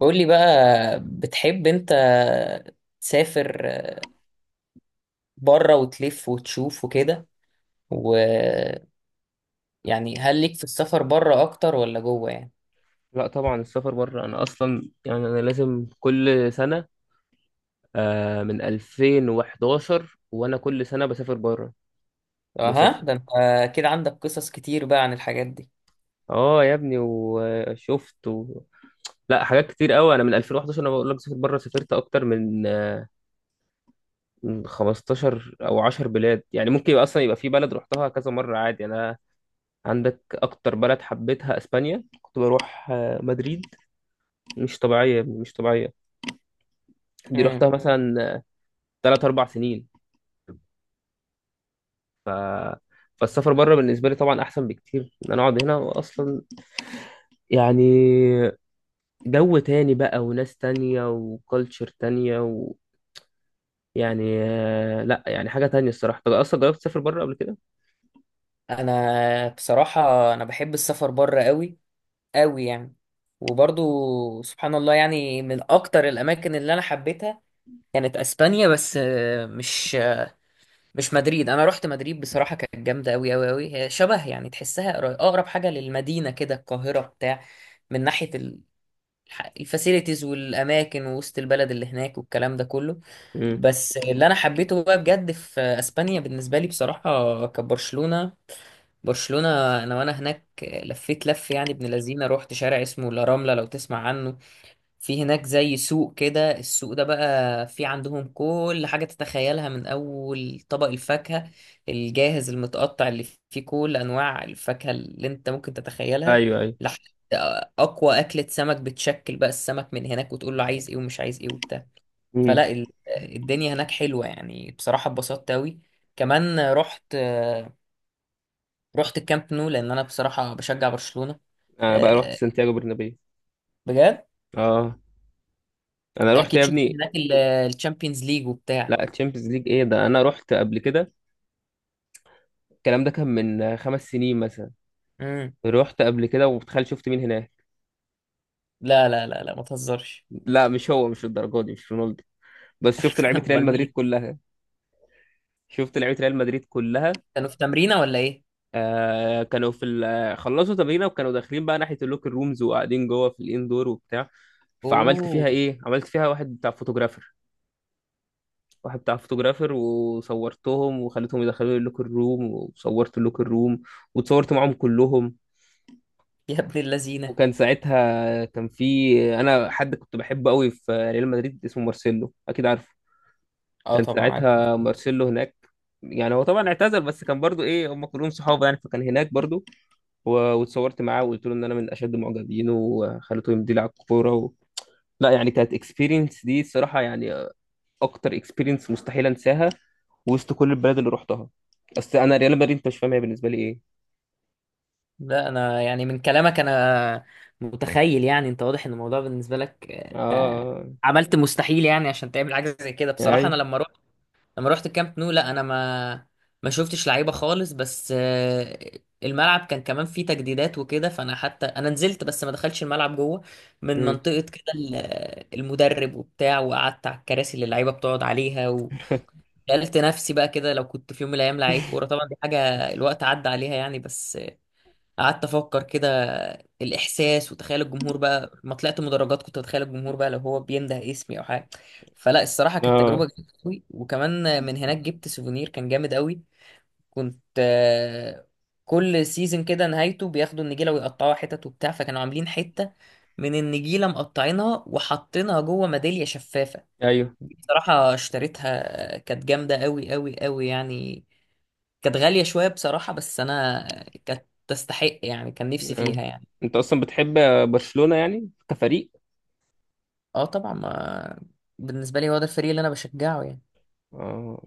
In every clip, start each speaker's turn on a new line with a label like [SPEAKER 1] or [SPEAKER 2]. [SPEAKER 1] قولي بقى، بتحب انت تسافر بره وتلف وتشوف وكده، ويعني هل ليك في السفر بره اكتر ولا جوه يعني؟
[SPEAKER 2] لا طبعا السفر بره انا اصلا يعني انا لازم كل سنه. من 2011 وانا كل سنه بسافر بره
[SPEAKER 1] اها
[SPEAKER 2] بسافر
[SPEAKER 1] ده انت كده عندك قصص كتير بقى عن الحاجات دي.
[SPEAKER 2] اه يا ابني، وشفت لا، حاجات كتير قوي. انا من 2011 انا بقول لك سافر بره، سافرت اكتر من 15 او 10 بلاد. يعني ممكن يبقى اصلا يبقى في بلد رحتها كذا مره عادي. انا عندك اكتر بلد حبيتها اسبانيا، كنت بروح مدريد. مش طبيعيه يا ابني، مش طبيعيه. دي رحتها
[SPEAKER 1] امم
[SPEAKER 2] مثلا 3 4 سنين ف... فالسفر بره بالنسبه لي طبعا احسن بكتير ان انا اقعد هنا. واصلا يعني جو تاني بقى وناس تانية وكالتشر تانية يعني لا يعني حاجه تانية الصراحه. طب اصلا جربت تسافر بره قبل كده؟
[SPEAKER 1] انا بصراحة، انا بحب السفر بره قوي قوي يعني. وبرضو سبحان الله يعني، من اكتر الاماكن اللي انا حبيتها كانت اسبانيا، بس مش مدريد. انا رحت مدريد بصراحه، كانت جامده قوي قوي قوي، هي شبه يعني تحسها اقرب حاجه للمدينه كده القاهره بتاع، من ناحيه الفاسيلتيز والاماكن ووسط البلد اللي هناك والكلام ده كله.
[SPEAKER 2] امم.
[SPEAKER 1] بس اللي انا حبيته بقى بجد في اسبانيا بالنسبه لي بصراحه كانت برشلونه، برشلونه. انا وانا هناك لفيت لف يعني ابن لذينه، رحت شارع اسمه لا راملا لو تسمع عنه، في هناك زي سوق كده. السوق ده بقى في عندهم كل حاجة تتخيلها من أول طبق الفاكهة الجاهز المتقطع اللي فيه كل أنواع الفاكهة اللي أنت ممكن تتخيلها،
[SPEAKER 2] ايوه، ايوه.
[SPEAKER 1] لحد أقوى أكلة سمك، بتشكل بقى السمك من هناك وتقول له عايز إيه ومش عايز إيه وبتاع.
[SPEAKER 2] امم.
[SPEAKER 1] فلا ال- الدنيا هناك حلوة يعني، بصراحة اتبسطت أوي. كمان رحت، الكامب نو، لأن أنا بصراحة بشجع برشلونة.
[SPEAKER 2] انا بقى رحت
[SPEAKER 1] آه،
[SPEAKER 2] سانتياغو برنابيو.
[SPEAKER 1] بجد،
[SPEAKER 2] اه، انا رحت
[SPEAKER 1] أكيد
[SPEAKER 2] يا
[SPEAKER 1] شفت
[SPEAKER 2] ابني.
[SPEAKER 1] هناك الشامبيونز ليج وبتاع.
[SPEAKER 2] لا، تشامبيونز ليج ايه ده، انا رحت قبل كده. الكلام ده كان من خمس سنين مثلا.
[SPEAKER 1] مم.
[SPEAKER 2] رحت قبل كده وتخيل شفت مين هناك.
[SPEAKER 1] لا لا لا لا، ما تهزرش.
[SPEAKER 2] لا مش هو، مش الدرجه دي، مش رونالدو. بس شفت لعيبه ريال
[SPEAKER 1] امال
[SPEAKER 2] مدريد
[SPEAKER 1] مين؟
[SPEAKER 2] كلها. شفت لعيبه ريال مدريد كلها.
[SPEAKER 1] كانوا في تمرينه ولا ايه؟
[SPEAKER 2] آه، كانوا في خلصوا تمرينه وكانوا داخلين بقى ناحيه اللوكر رومز، وقاعدين جوه في الاندور وبتاع. فعملت فيها
[SPEAKER 1] اوه،
[SPEAKER 2] ايه، عملت فيها واحد بتاع فوتوغرافر، وصورتهم وخليتهم يدخلوا لي اللوكر روم، وصورت اللوكر روم، واتصورت معاهم كلهم.
[SPEAKER 1] يا ابن اللذينه.
[SPEAKER 2] وكان ساعتها كان في، انا حد كنت بحبه قوي في ريال مدريد اسمه مارسيلو، اكيد عارفه.
[SPEAKER 1] اه
[SPEAKER 2] كان
[SPEAKER 1] طبعا عارف.
[SPEAKER 2] ساعتها مارسيلو هناك. يعني هو طبعا اعتزل بس كان برضو ايه، هم كلهم صحابه يعني، فكان هناك برضو. و- واتصورت معاه وقلت له ان انا من اشد معجبينه، وخليته يمضي لي على الكوره لا يعني كانت اكسبيرينس دي الصراحه يعني اكتر اكسبيرينس مستحيل انساها وسط كل البلاد اللي رحتها. اصل انا ريال مدريد انت مش فاهم هي بالنسبه لي ايه.
[SPEAKER 1] لا انا يعني من كلامك انا متخيل، يعني انت واضح ان الموضوع بالنسبه لك انت
[SPEAKER 2] اه.
[SPEAKER 1] عملت مستحيل يعني عشان تعمل حاجه زي كده.
[SPEAKER 2] آه،
[SPEAKER 1] بصراحه انا
[SPEAKER 2] ايوه.
[SPEAKER 1] لما، رحت الكامب نو، لا انا ما شفتش لعيبه خالص، بس الملعب كان كمان فيه تجديدات وكده، فانا حتى انا نزلت بس ما دخلتش الملعب جوه من
[SPEAKER 2] امم.
[SPEAKER 1] منطقه كده المدرب وبتاع، وقعدت على الكراسي اللي اللعيبه بتقعد عليها. وسالت نفسي بقى كده، لو كنت في يوم من الايام لعيب كوره، طبعا دي حاجه الوقت عدى عليها يعني، بس قعدت افكر كده الاحساس، وتخيل الجمهور بقى، ما طلعت مدرجات كنت اتخيل الجمهور بقى لو هو بينده اسمي او حاجه. فلا الصراحه كانت تجربه
[SPEAKER 2] اه،
[SPEAKER 1] جامده قوي. وكمان من هناك جبت سوفونير كان جامد قوي. كنت كل سيزون كده نهايته بياخدوا النجيله ويقطعوها حتت وبتاع، فكانوا عاملين حته من النجيله مقطعينها وحاطينها جوه ميداليه شفافه،
[SPEAKER 2] ايوه.
[SPEAKER 1] بصراحه اشتريتها كانت جامده قوي قوي قوي يعني. كانت غالية شوية بصراحة، بس أنا كانت تستحق يعني، كان نفسي
[SPEAKER 2] آه.
[SPEAKER 1] فيها يعني.
[SPEAKER 2] انت اصلا بتحب برشلونه يعني كفريق؟
[SPEAKER 1] اه طبعا، ما بالنسبة لي هو ده الفريق اللي أنا بشجعه يعني.
[SPEAKER 2] اه.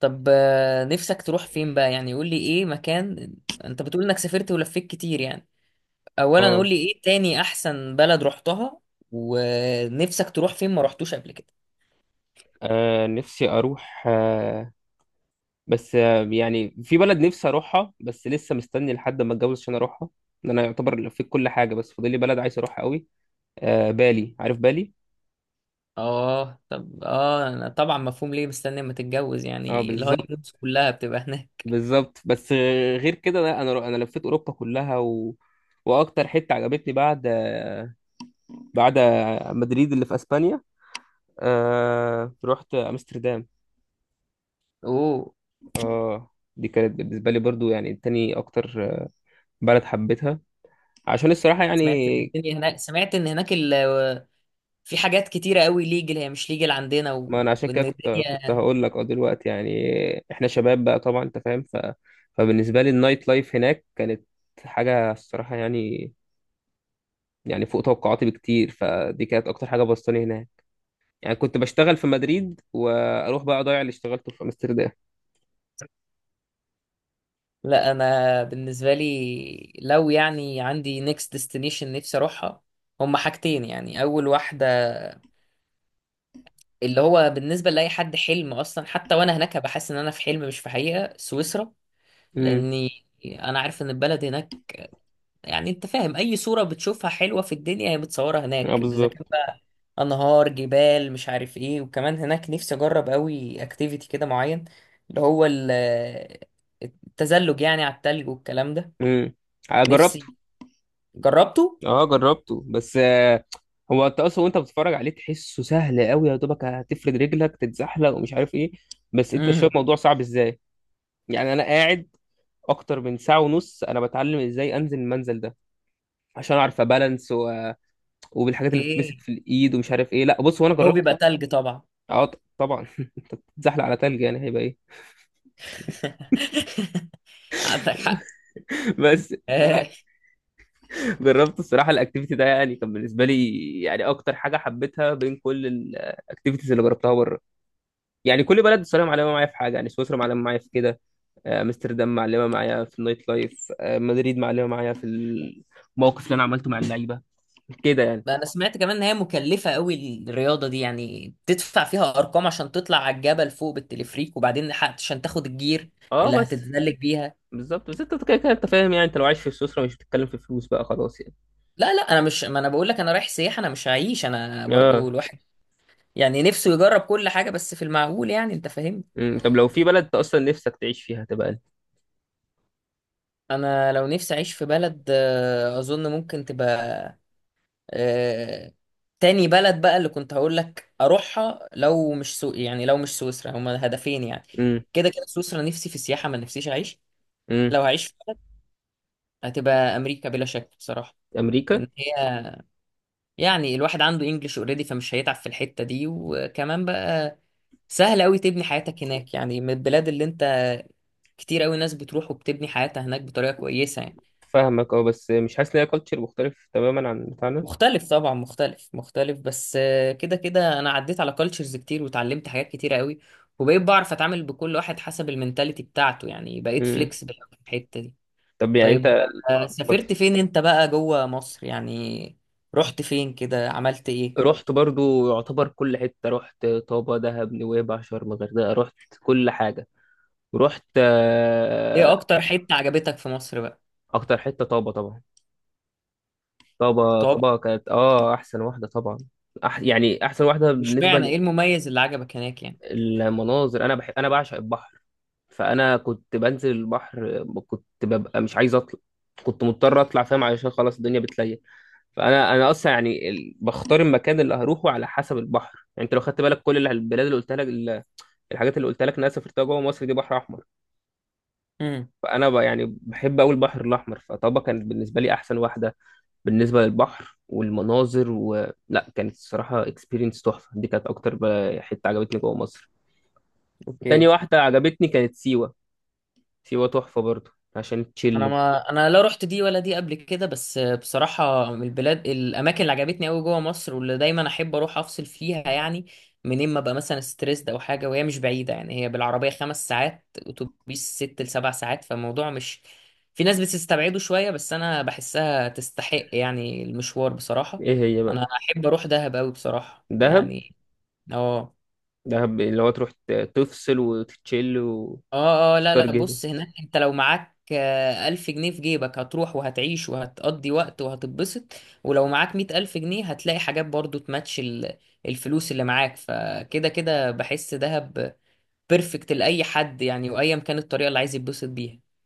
[SPEAKER 1] طب نفسك تروح فين بقى يعني؟ قول لي إيه مكان، أنت بتقول إنك سافرت ولفيت كتير يعني. أولا قول
[SPEAKER 2] اه.
[SPEAKER 1] لي إيه تاني أحسن بلد رحتها، ونفسك تروح فين ما رحتوش قبل كده؟
[SPEAKER 2] نفسي اروح، آه، بس آه، يعني في بلد نفسي اروحها بس لسه مستني لحد ما اتجوز عشان اروحها. ان انا يعتبر لفيت كل حاجه بس فاضل لي بلد عايز اروحها قوي. آه، بالي عارف بالي.
[SPEAKER 1] اه طب، اه أنا طبعا مفهوم ليه مستني اما تتجوز
[SPEAKER 2] اه
[SPEAKER 1] يعني، الهاني
[SPEAKER 2] بالظبط.
[SPEAKER 1] مونز كلها بتبقى هناك.
[SPEAKER 2] بالظبط. بس غير كده لا، انا لفيت اوروبا كلها واكتر حته عجبتني بعد بعد مدريد اللي في اسبانيا، رحت امستردام.
[SPEAKER 1] اوه.
[SPEAKER 2] اه. دي كانت بالنسبه لي برضو يعني تاني اكتر بلد حبيتها، عشان الصراحه يعني،
[SPEAKER 1] سمعت ان الدنيا هناك، سمعت ان هناك في حاجات كتيرة قوي ليجل هي مش ليجل عندنا،
[SPEAKER 2] ما
[SPEAKER 1] و...
[SPEAKER 2] انا عشان
[SPEAKER 1] وان
[SPEAKER 2] كده كنت
[SPEAKER 1] الدنيا.
[SPEAKER 2] هقول لك اه دلوقتي يعني احنا شباب بقى طبعا انت فاهم. فبالنسبه لي النايت لايف هناك كانت حاجه الصراحه يعني، يعني فوق توقعاتي بكتير. فدي كانت اكتر حاجه بسطاني هناك يعني. كنت بشتغل في مدريد واروح بقى اضيع اللي اشتغلته في امستردام.
[SPEAKER 1] لا، انا بالنسبة لي لو يعني عندي نيكست ديستنيشن نفسي اروحها، هما حاجتين يعني. اول واحدة اللي هو بالنسبة لأي حد حلم اصلا، حتى وانا هناك هبقى حاسس ان انا في حلم مش في حقيقة، سويسرا.
[SPEAKER 2] امم.
[SPEAKER 1] لاني انا عارف ان البلد هناك، يعني انت فاهم، اي صورة بتشوفها حلوة في الدنيا هي بتصورها
[SPEAKER 2] اه
[SPEAKER 1] هناك، اذا
[SPEAKER 2] بالظبط.
[SPEAKER 1] كان بقى انهار، جبال، مش عارف ايه. وكمان هناك نفسي اجرب قوي اكتيفيتي كده معين، اللي هو التزلج يعني على التلج والكلام ده.
[SPEAKER 2] امم. جربته.
[SPEAKER 1] نفسي جربته.
[SPEAKER 2] اه جربته. بس هو انت اصلا وانت بتتفرج عليه تحسه سهل قوي، يا دوبك هتفرد رجلك تتزحلق ومش عارف ايه، بس انت شايف
[SPEAKER 1] امم،
[SPEAKER 2] الموضوع صعب ازاي. يعني انا قاعد اكتر من ساعه ونص انا بتعلم ازاي انزل المنزل ده، عشان اعرف ابالانس وبالحاجات اللي بتمسك
[SPEAKER 1] اوكي،
[SPEAKER 2] في الايد ومش عارف ايه. لا بص، وانا
[SPEAKER 1] لو
[SPEAKER 2] جربت.
[SPEAKER 1] بيبقى تلج طبعا.
[SPEAKER 2] اه طبعا انت بتتزحلق على تلج يعني هيبقى ايه.
[SPEAKER 1] عندك حق.
[SPEAKER 2] بس. فجربت الصراحه الاكتيفيتي ده، يعني كان بالنسبه لي يعني اكتر حاجه حبيتها بين كل الاكتيفيتيز اللي جربتها بره. يعني كل بلد الصراحه معلمه معايا في حاجه. يعني سويسرا معلمه معايا في كده، امستردام معلمه معايا في النايت لايف، مدريد معلمه معايا في الموقف اللي انا عملته مع اللعيبه كده يعني.
[SPEAKER 1] بقى انا سمعت كمان ان هي مكلفه قوي الرياضه دي يعني، بتدفع فيها ارقام عشان تطلع على الجبل فوق بالتلفريك، وبعدين عشان تاخد الجير
[SPEAKER 2] اه
[SPEAKER 1] اللي
[SPEAKER 2] بس.
[SPEAKER 1] هتتزلج بيها.
[SPEAKER 2] بالظبط، بس انت كده كده انت فاهم يعني، انت لو عايش في سويسرا مش بتتكلم في فلوس بقى، خلاص يعني.
[SPEAKER 1] لا لا، انا مش ما انا بقول لك، انا رايح سياحه انا مش هعيش، انا
[SPEAKER 2] اه.
[SPEAKER 1] برضو الواحد يعني نفسه يجرب كل حاجه بس في المعقول يعني، انت فاهم.
[SPEAKER 2] امم. طب لو في بلد انت اصلا نفسك تعيش فيها هتبقى ايه؟
[SPEAKER 1] انا لو نفسي اعيش في بلد، اظن ممكن تبقى آه، تاني بلد بقى اللي كنت هقول لك اروحها، لو مش يعني لو مش سويسرا، هما هدفين يعني.
[SPEAKER 2] امم.
[SPEAKER 1] كده كده سويسرا نفسي في السياحه، ما نفسيش اعيش.
[SPEAKER 2] امم.
[SPEAKER 1] لو هعيش في بلد هتبقى امريكا بلا شك بصراحه.
[SPEAKER 2] امريكا.
[SPEAKER 1] ان هي يعني الواحد عنده انجلش اوريدي، فمش هيتعب في الحته دي، وكمان بقى سهل قوي تبني حياتك هناك يعني، من البلاد اللي انت، كتير قوي ناس بتروح وبتبني حياتها هناك بطريقه كويسه يعني.
[SPEAKER 2] فاهمك، اه، بس مش حاسس ان هي كالتشر مختلف تماما عن بتاعنا؟
[SPEAKER 1] مختلف طبعا، مختلف مختلف، بس كده كده انا عديت على كالتشرز كتير وتعلمت حاجات كتير قوي، وبقيت بعرف اتعامل بكل واحد حسب المينتاليتي بتاعته يعني، بقيت
[SPEAKER 2] امم.
[SPEAKER 1] فليكسبل في الحته دي.
[SPEAKER 2] طب يعني انت،
[SPEAKER 1] طيب
[SPEAKER 2] اتفضل.
[SPEAKER 1] سافرت فين انت بقى جوه مصر يعني؟ رحت فين كده، عملت ايه؟
[SPEAKER 2] رحت برضو يعتبر كل حته، رحت طابا، دهب، نويبع، شرم، الغردقه، رحت كل حاجه. رحت
[SPEAKER 1] ايه
[SPEAKER 2] آه،
[SPEAKER 1] اكتر حتة عجبتك في مصر بقى؟
[SPEAKER 2] اكتر حته طابا طبعا. طابا
[SPEAKER 1] طب
[SPEAKER 2] كانت اه احسن واحده طبعا. يعني احسن واحده
[SPEAKER 1] مش
[SPEAKER 2] بالنسبه،
[SPEAKER 1] معنى ايه المميز اللي عجبك هناك يعني؟
[SPEAKER 2] المناظر. انا بحب، انا بعشق البحر. فانا كنت بنزل البحر كنت ببقى مش عايز اطلع، كنت مضطر اطلع فاهم، علشان خلاص الدنيا بتليل. فانا اصلا يعني بختار المكان اللي هروحه على حسب البحر. يعني انت لو خدت بالك كل البلاد اللي قلت لك الحاجات اللي قلت لك إن انا سافرتها جوه مصر دي بحر احمر.
[SPEAKER 1] امم،
[SPEAKER 2] فانا يعني بحب قوي البحر الاحمر، فطبعا كانت بالنسبه لي احسن واحده بالنسبه للبحر والمناظر لا كانت الصراحه اكسبيرينس تحفه. دي كانت اكتر حته عجبتني جوه مصر. تاني
[SPEAKER 1] اوكي.
[SPEAKER 2] واحده عجبتني كانت سيوه. سيوة تحفة برضو، عشان
[SPEAKER 1] انا
[SPEAKER 2] تشيل.
[SPEAKER 1] ما انا، لا رحت دي ولا دي قبل كده، بس بصراحه من البلاد الاماكن اللي عجبتني قوي جوه مصر واللي دايما احب اروح افصل فيها يعني، منين ما ابقى مثلا ستريسد او حاجه، وهي مش بعيده يعني، هي بالعربيه 5 ساعات اتوبيس، 6 لـ 7 ساعات، فالموضوع مش، في ناس بتستبعده شويه بس انا بحسها تستحق يعني المشوار بصراحه.
[SPEAKER 2] ايه هي بقى؟
[SPEAKER 1] انا احب اروح دهب قوي بصراحه
[SPEAKER 2] دهب.
[SPEAKER 1] يعني. اه
[SPEAKER 2] دهب اللي هو تروح تفصل وتتشيل
[SPEAKER 1] اه اه، لا لا بص،
[SPEAKER 2] وستار
[SPEAKER 1] هناك انت لو معاك 1000 جنيه في جيبك هتروح وهتعيش وهتقضي وقت وهتتبسط، ولو معاك 100 ألف جنيه هتلاقي حاجات برضو تماتش الفلوس اللي معاك، فكده كده بحس دهب بيرفكت لأي حد يعني، وأيا كانت الطريقة اللي عايز يتبسط بيها.